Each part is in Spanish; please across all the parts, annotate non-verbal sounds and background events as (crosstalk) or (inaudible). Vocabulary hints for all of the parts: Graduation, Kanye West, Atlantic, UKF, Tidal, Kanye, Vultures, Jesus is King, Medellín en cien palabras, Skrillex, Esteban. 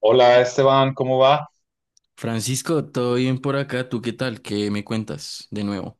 Hola Esteban, ¿cómo va? Francisco, ¿todo bien por acá? ¿Tú qué tal? ¿Qué me cuentas de nuevo?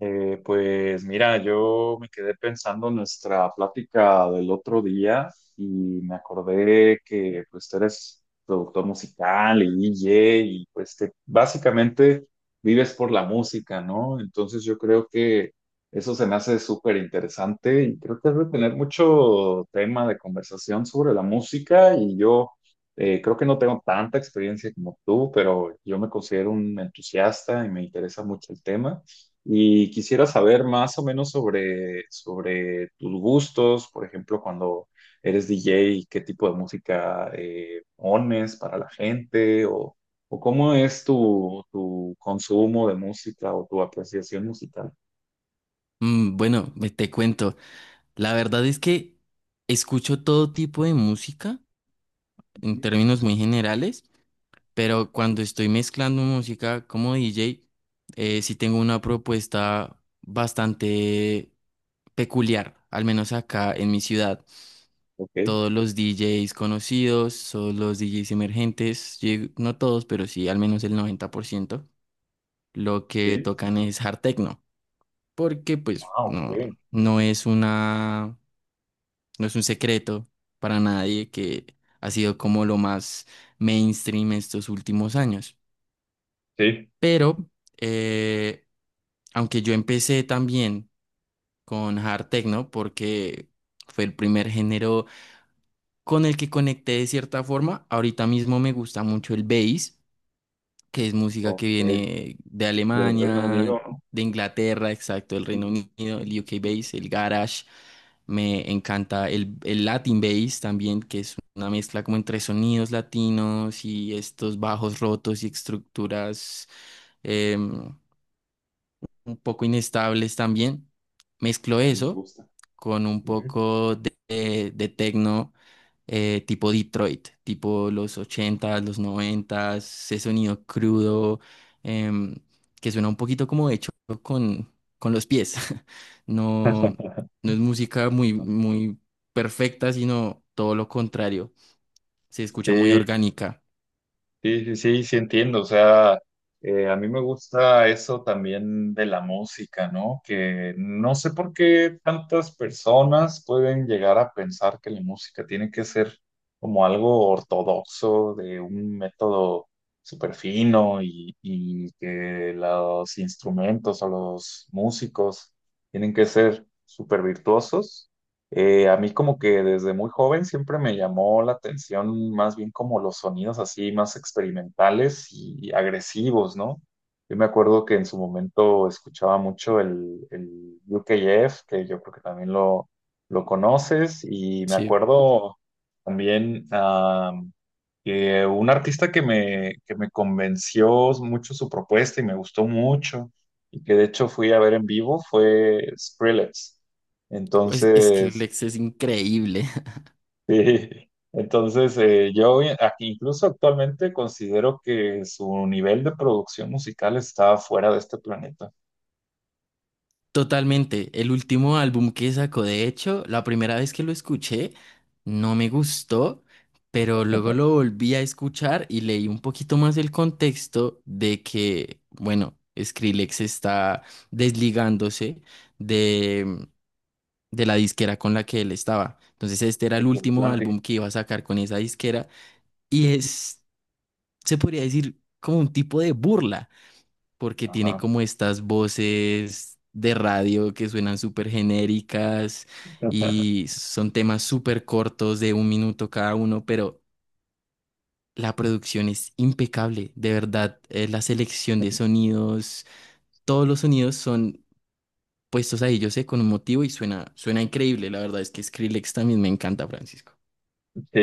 Pues mira, yo me quedé pensando en nuestra plática del otro día y me acordé que pues tú eres productor musical y DJ y pues que básicamente vives por la música, ¿no? Entonces yo creo que eso se me hace súper interesante y creo que has de tener mucho tema de conversación sobre la música y yo creo que no tengo tanta experiencia como tú, pero yo me considero un entusiasta y me interesa mucho el tema. Y quisiera saber más o menos sobre tus gustos, por ejemplo, cuando eres DJ, qué tipo de música pones para la gente o cómo es tu consumo de música o tu apreciación musical. Bueno, te cuento. La verdad es que escucho todo tipo de música en Ujú. términos muy generales, pero cuando estoy mezclando música como DJ, sí tengo una propuesta bastante peculiar, al menos acá en mi ciudad. Ok, Todos los DJs conocidos, todos los DJs emergentes, no todos, pero sí al menos el 90%, lo que sí. tocan es hard techno. Porque pues Ah, ok. no, no es una, no es un secreto para nadie que ha sido como lo más mainstream estos últimos años. Sí, Pero eh, aunque yo empecé también con hard techno porque fue el primer género con el que conecté de cierta forma, ahorita mismo me gusta mucho el bass que es música que ok. viene de Del Reino Alemania, Unido, ¿no? de Inglaterra, exacto, el Reino Ujú, Unido, el UK ujú. bass, el garage. Me encanta el Latin bass también, que es una mezcla como entre sonidos latinos y estos bajos rotos y estructuras em, un poco inestables también. Mezclo Y me eso gusta. con un Ujú. poco de techno tipo Detroit, tipo los ochentas, los noventas, ese sonido crudo em, que suena un poquito como hecho con, con los pies. (laughs) No, (laughs) no es música muy, muy perfecta, sino todo lo contrario. Se escucha muy Sí, no. orgánica. Sí, sí, sí, sí, entiendo. O sea, a mí me gusta eso también de la música, ¿no? Que no sé por qué tantas personas pueden llegar a pensar que la música tiene que ser como algo ortodoxo, de un método súper fino y que los instrumentos o los músicos tienen que ser súper virtuosos. A mí como que desde muy joven siempre me llamó la atención más bien como los sonidos así más experimentales y agresivos, ¿no? Yo me acuerdo que en su momento escuchaba mucho el UKF, que yo creo que también lo conoces, y me Sí, acuerdo también que un artista que que me convenció mucho su propuesta y me gustó mucho, y que de hecho fui a ver en vivo fue Skrillex. es que Entonces, Lex es increíble. sí, entonces aquí incluso actualmente considero que su nivel de producción musical está fuera de este planeta. Totalmente. El último álbum que sacó, de hecho, la primera vez que lo escuché, no me gustó, pero luego lo (laughs) volví a escuchar y leí un poquito más el contexto de que, bueno, Skrillex está desligándose de, de la disquera con la que él estaba. Entonces, este era Porque el último Atlantic, álbum que iba a sacar con esa disquera y es, se podría decir, como un tipo de burla porque tiene ajá. como estas voces de radio que suenan súper genéricas (laughs) y son temas súper cortos de un minuto cada uno, pero la producción es impecable, de verdad, la selección de sonidos, todos los sonidos son puestos ahí, yo sé, con un motivo y suena increíble, la verdad es que Skrillex también me encanta, Francisco. Sí,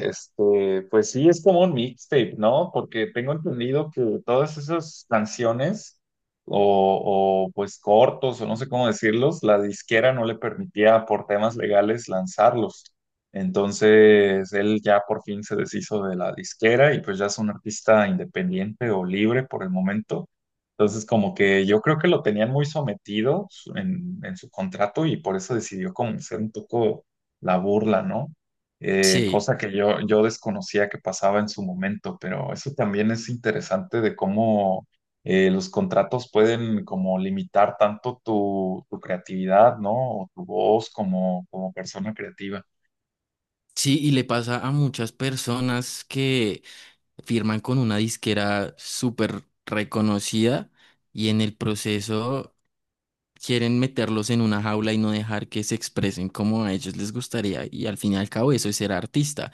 este, pues sí, es como un mixtape, ¿no? Porque tengo entendido que todas esas canciones pues cortos o no sé cómo decirlos, la disquera no le permitía por temas legales lanzarlos. Entonces él ya por fin se deshizo de la disquera y pues ya es un artista independiente o libre por el momento. Entonces como que yo creo que lo tenían muy sometido en su contrato y por eso decidió como ser un poco la burla, ¿no? Sí, cosa que yo desconocía que pasaba en su momento, pero eso también es interesante de cómo los contratos pueden como limitar tanto tu creatividad, ¿no? O tu voz como persona creativa. sí, y le pasa a muchas personas que firman con una disquera súper reconocida y en el proceso quieren meterlos en una jaula y no dejar que se expresen como a ellos les gustaría. Y al fin y al cabo eso es ser artista,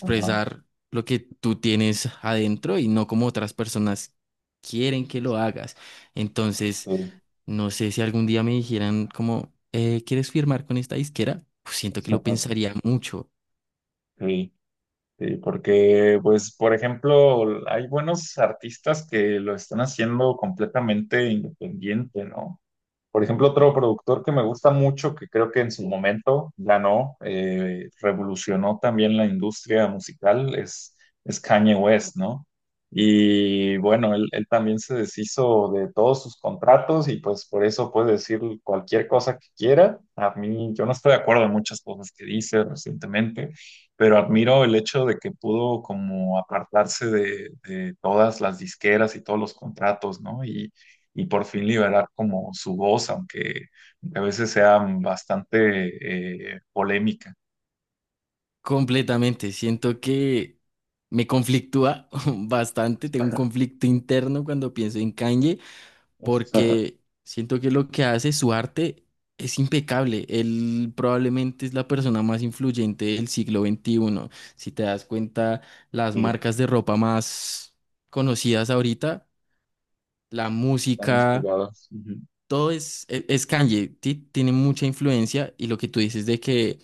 Ajá, lo que tú tienes adentro y no como otras personas quieren que lo hagas. Entonces, sí. no sé si algún día me dijeran como, "¿Quieres firmar con esta disquera?" Pues siento que lo (laughs) pensaría mucho. Sí. Sí, porque, pues, por ejemplo, hay buenos artistas que lo están haciendo completamente independiente, ¿no? Por ejemplo, otro productor que me gusta mucho, que creo que en su momento ganó, revolucionó también la industria musical, es Kanye West, ¿no? Y bueno, él también se deshizo de todos sus contratos y pues por eso puede decir cualquier cosa que quiera. A mí, yo no estoy de acuerdo en muchas cosas que dice recientemente, pero admiro el hecho de que pudo como apartarse de todas las disqueras y todos los contratos, ¿no? Y y por fin liberar como su voz, aunque a veces sea bastante polémica. Completamente. Siento que me conflictúa (laughs) bastante. Tengo un (laughs) conflicto interno cuando pienso en Kanye, porque siento que lo que hace, su arte, es impecable. Él probablemente es la persona más influyente del siglo XXI. Si te das cuenta, las Sí, marcas de ropa más conocidas ahorita, la están música inspirados. Ujú. todo es, es Kanye, tiene mucha influencia y lo que tú dices de que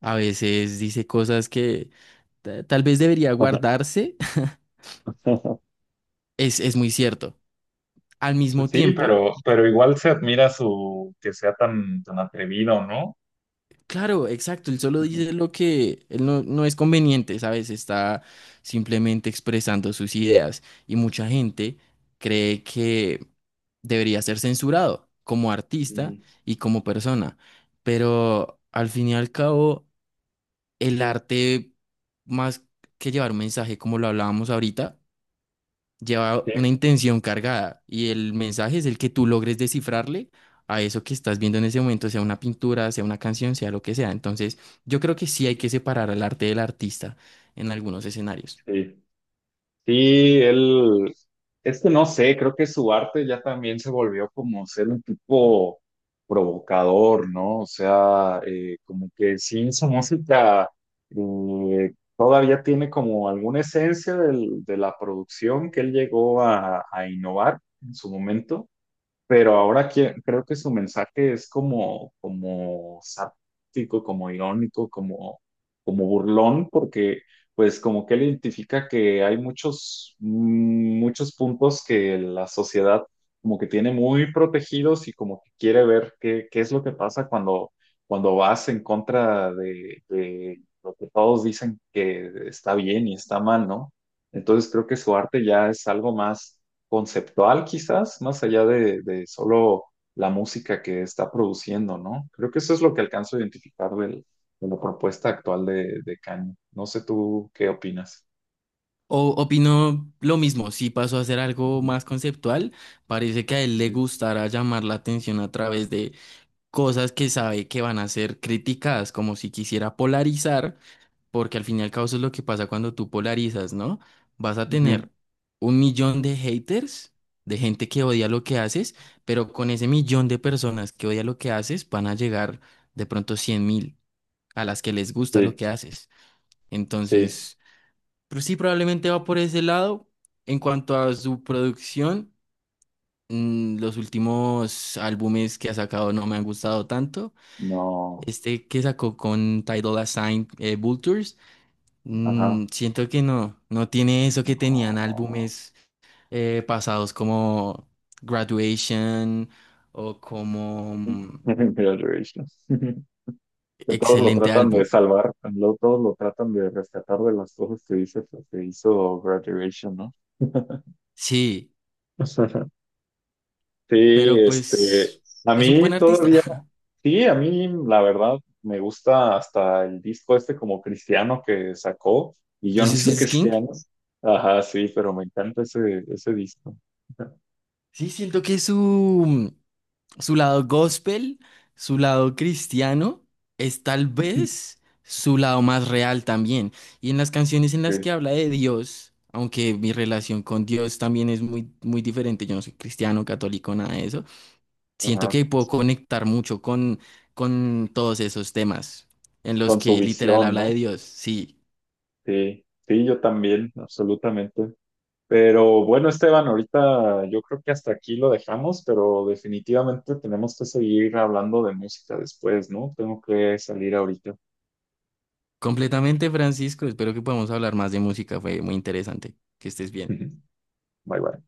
a veces dice cosas que tal vez debería guardarse, (laughs) (laughs) es muy cierto. Al mismo Sí, tiempo, pero igual se admira su que sea tan atrevido, ¿no? claro, exacto, él solo Ujú. dice lo que él no es conveniente, ¿sabes? Está simplemente expresando sus ideas y mucha gente cree que debería ser censurado como Ujú. artista y como persona, pero al fin y al cabo, el arte, más que llevar un mensaje, como lo hablábamos ahorita, lleva Sí, una intención cargada y el mensaje es el que tú logres descifrarle a eso que estás viendo en ese momento, sea una pintura, sea una canción, sea lo que sea. Entonces, yo creo que sí hay que separar al arte del artista en algunos escenarios. sí. Sí, él, es que no sé, creo que su arte ya también se volvió como ser un tipo provocador, ¿no? O sea, como que sí, esa música todavía tiene como alguna esencia del- de la producción que él llegó a innovar en su momento, pero ahora creo que su mensaje es como, como sáptico, como irónico, como, como burlón, porque pues como que él identifica que hay muchos, muchos puntos que la sociedad como que tiene muy protegidos y como que quiere ver qué, qué es lo que pasa cuando, cuando vas en contra de lo que todos dicen que está bien y está mal, ¿no? Entonces creo que su arte ya es algo más conceptual quizás, más allá de solo la música que está produciendo, ¿no? Creo que eso es lo que alcanzo a identificar del- de la propuesta actual de Kanye. No sé tú qué opinas. O opino lo mismo, si pasó a ser algo Ujú, más conceptual, parece que a él le ujú, gustará llamar la atención a través de cosas que sabe que van a ser criticadas, como si quisiera polarizar. Porque al fin y al cabo eso es lo que pasa cuando tú polarizas, ¿no? Vas a ujú. tener un millón de haters, de gente que odia lo que haces, pero con ese millón de personas que odia lo que haces, van a llegar de pronto 100 mil a las que les gusta lo Sí, que haces. sí, Entonces, pues sí, probablemente va por ese lado. En cuanto a su producción, los últimos álbumes que ha sacado no me han gustado tanto. no, Este que sacó con Tidal Assigned, Vultures. ajá, Siento que no tiene eso que tenían no. álbumes pasados como Graduation o como (laughs) Graduation. (laughs) Que todos lo excelente tratan de álbum. salvar, lo- todos lo tratan de rescatar de las cosas que dice pues, que hizo Graduation, ¿no? Sí, (laughs) Sí, pero este, pues a es un buen mí artista. todavía, (laughs) sí, a mí la verdad me gusta hasta el disco este como cristiano que sacó, y yo no Jesus soy is King. cristiano. Ajá, sí, pero me encanta ese, ese disco. Sí, siento que su su lado gospel, su lado cristiano, es tal (laughs) vez su lado más real también. Y en las canciones en Sí, las que habla de Dios, aunque mi relación con Dios también es muy, muy diferente, yo no soy cristiano, católico, nada de eso, siento ajá, que puedo conectar mucho con todos esos temas en los con su que literal visión, habla de ¿no? Dios. Sí, Sí, sí, yo también, absolutamente. Pero bueno, Esteban, ahorita yo creo que hasta aquí lo dejamos, pero definitivamente tenemos que seguir hablando de música después, ¿no? Tengo que salir ahorita. completamente, Francisco, espero que podamos hablar más de música, fue muy interesante, que estés bien. (laughs) Bye bye.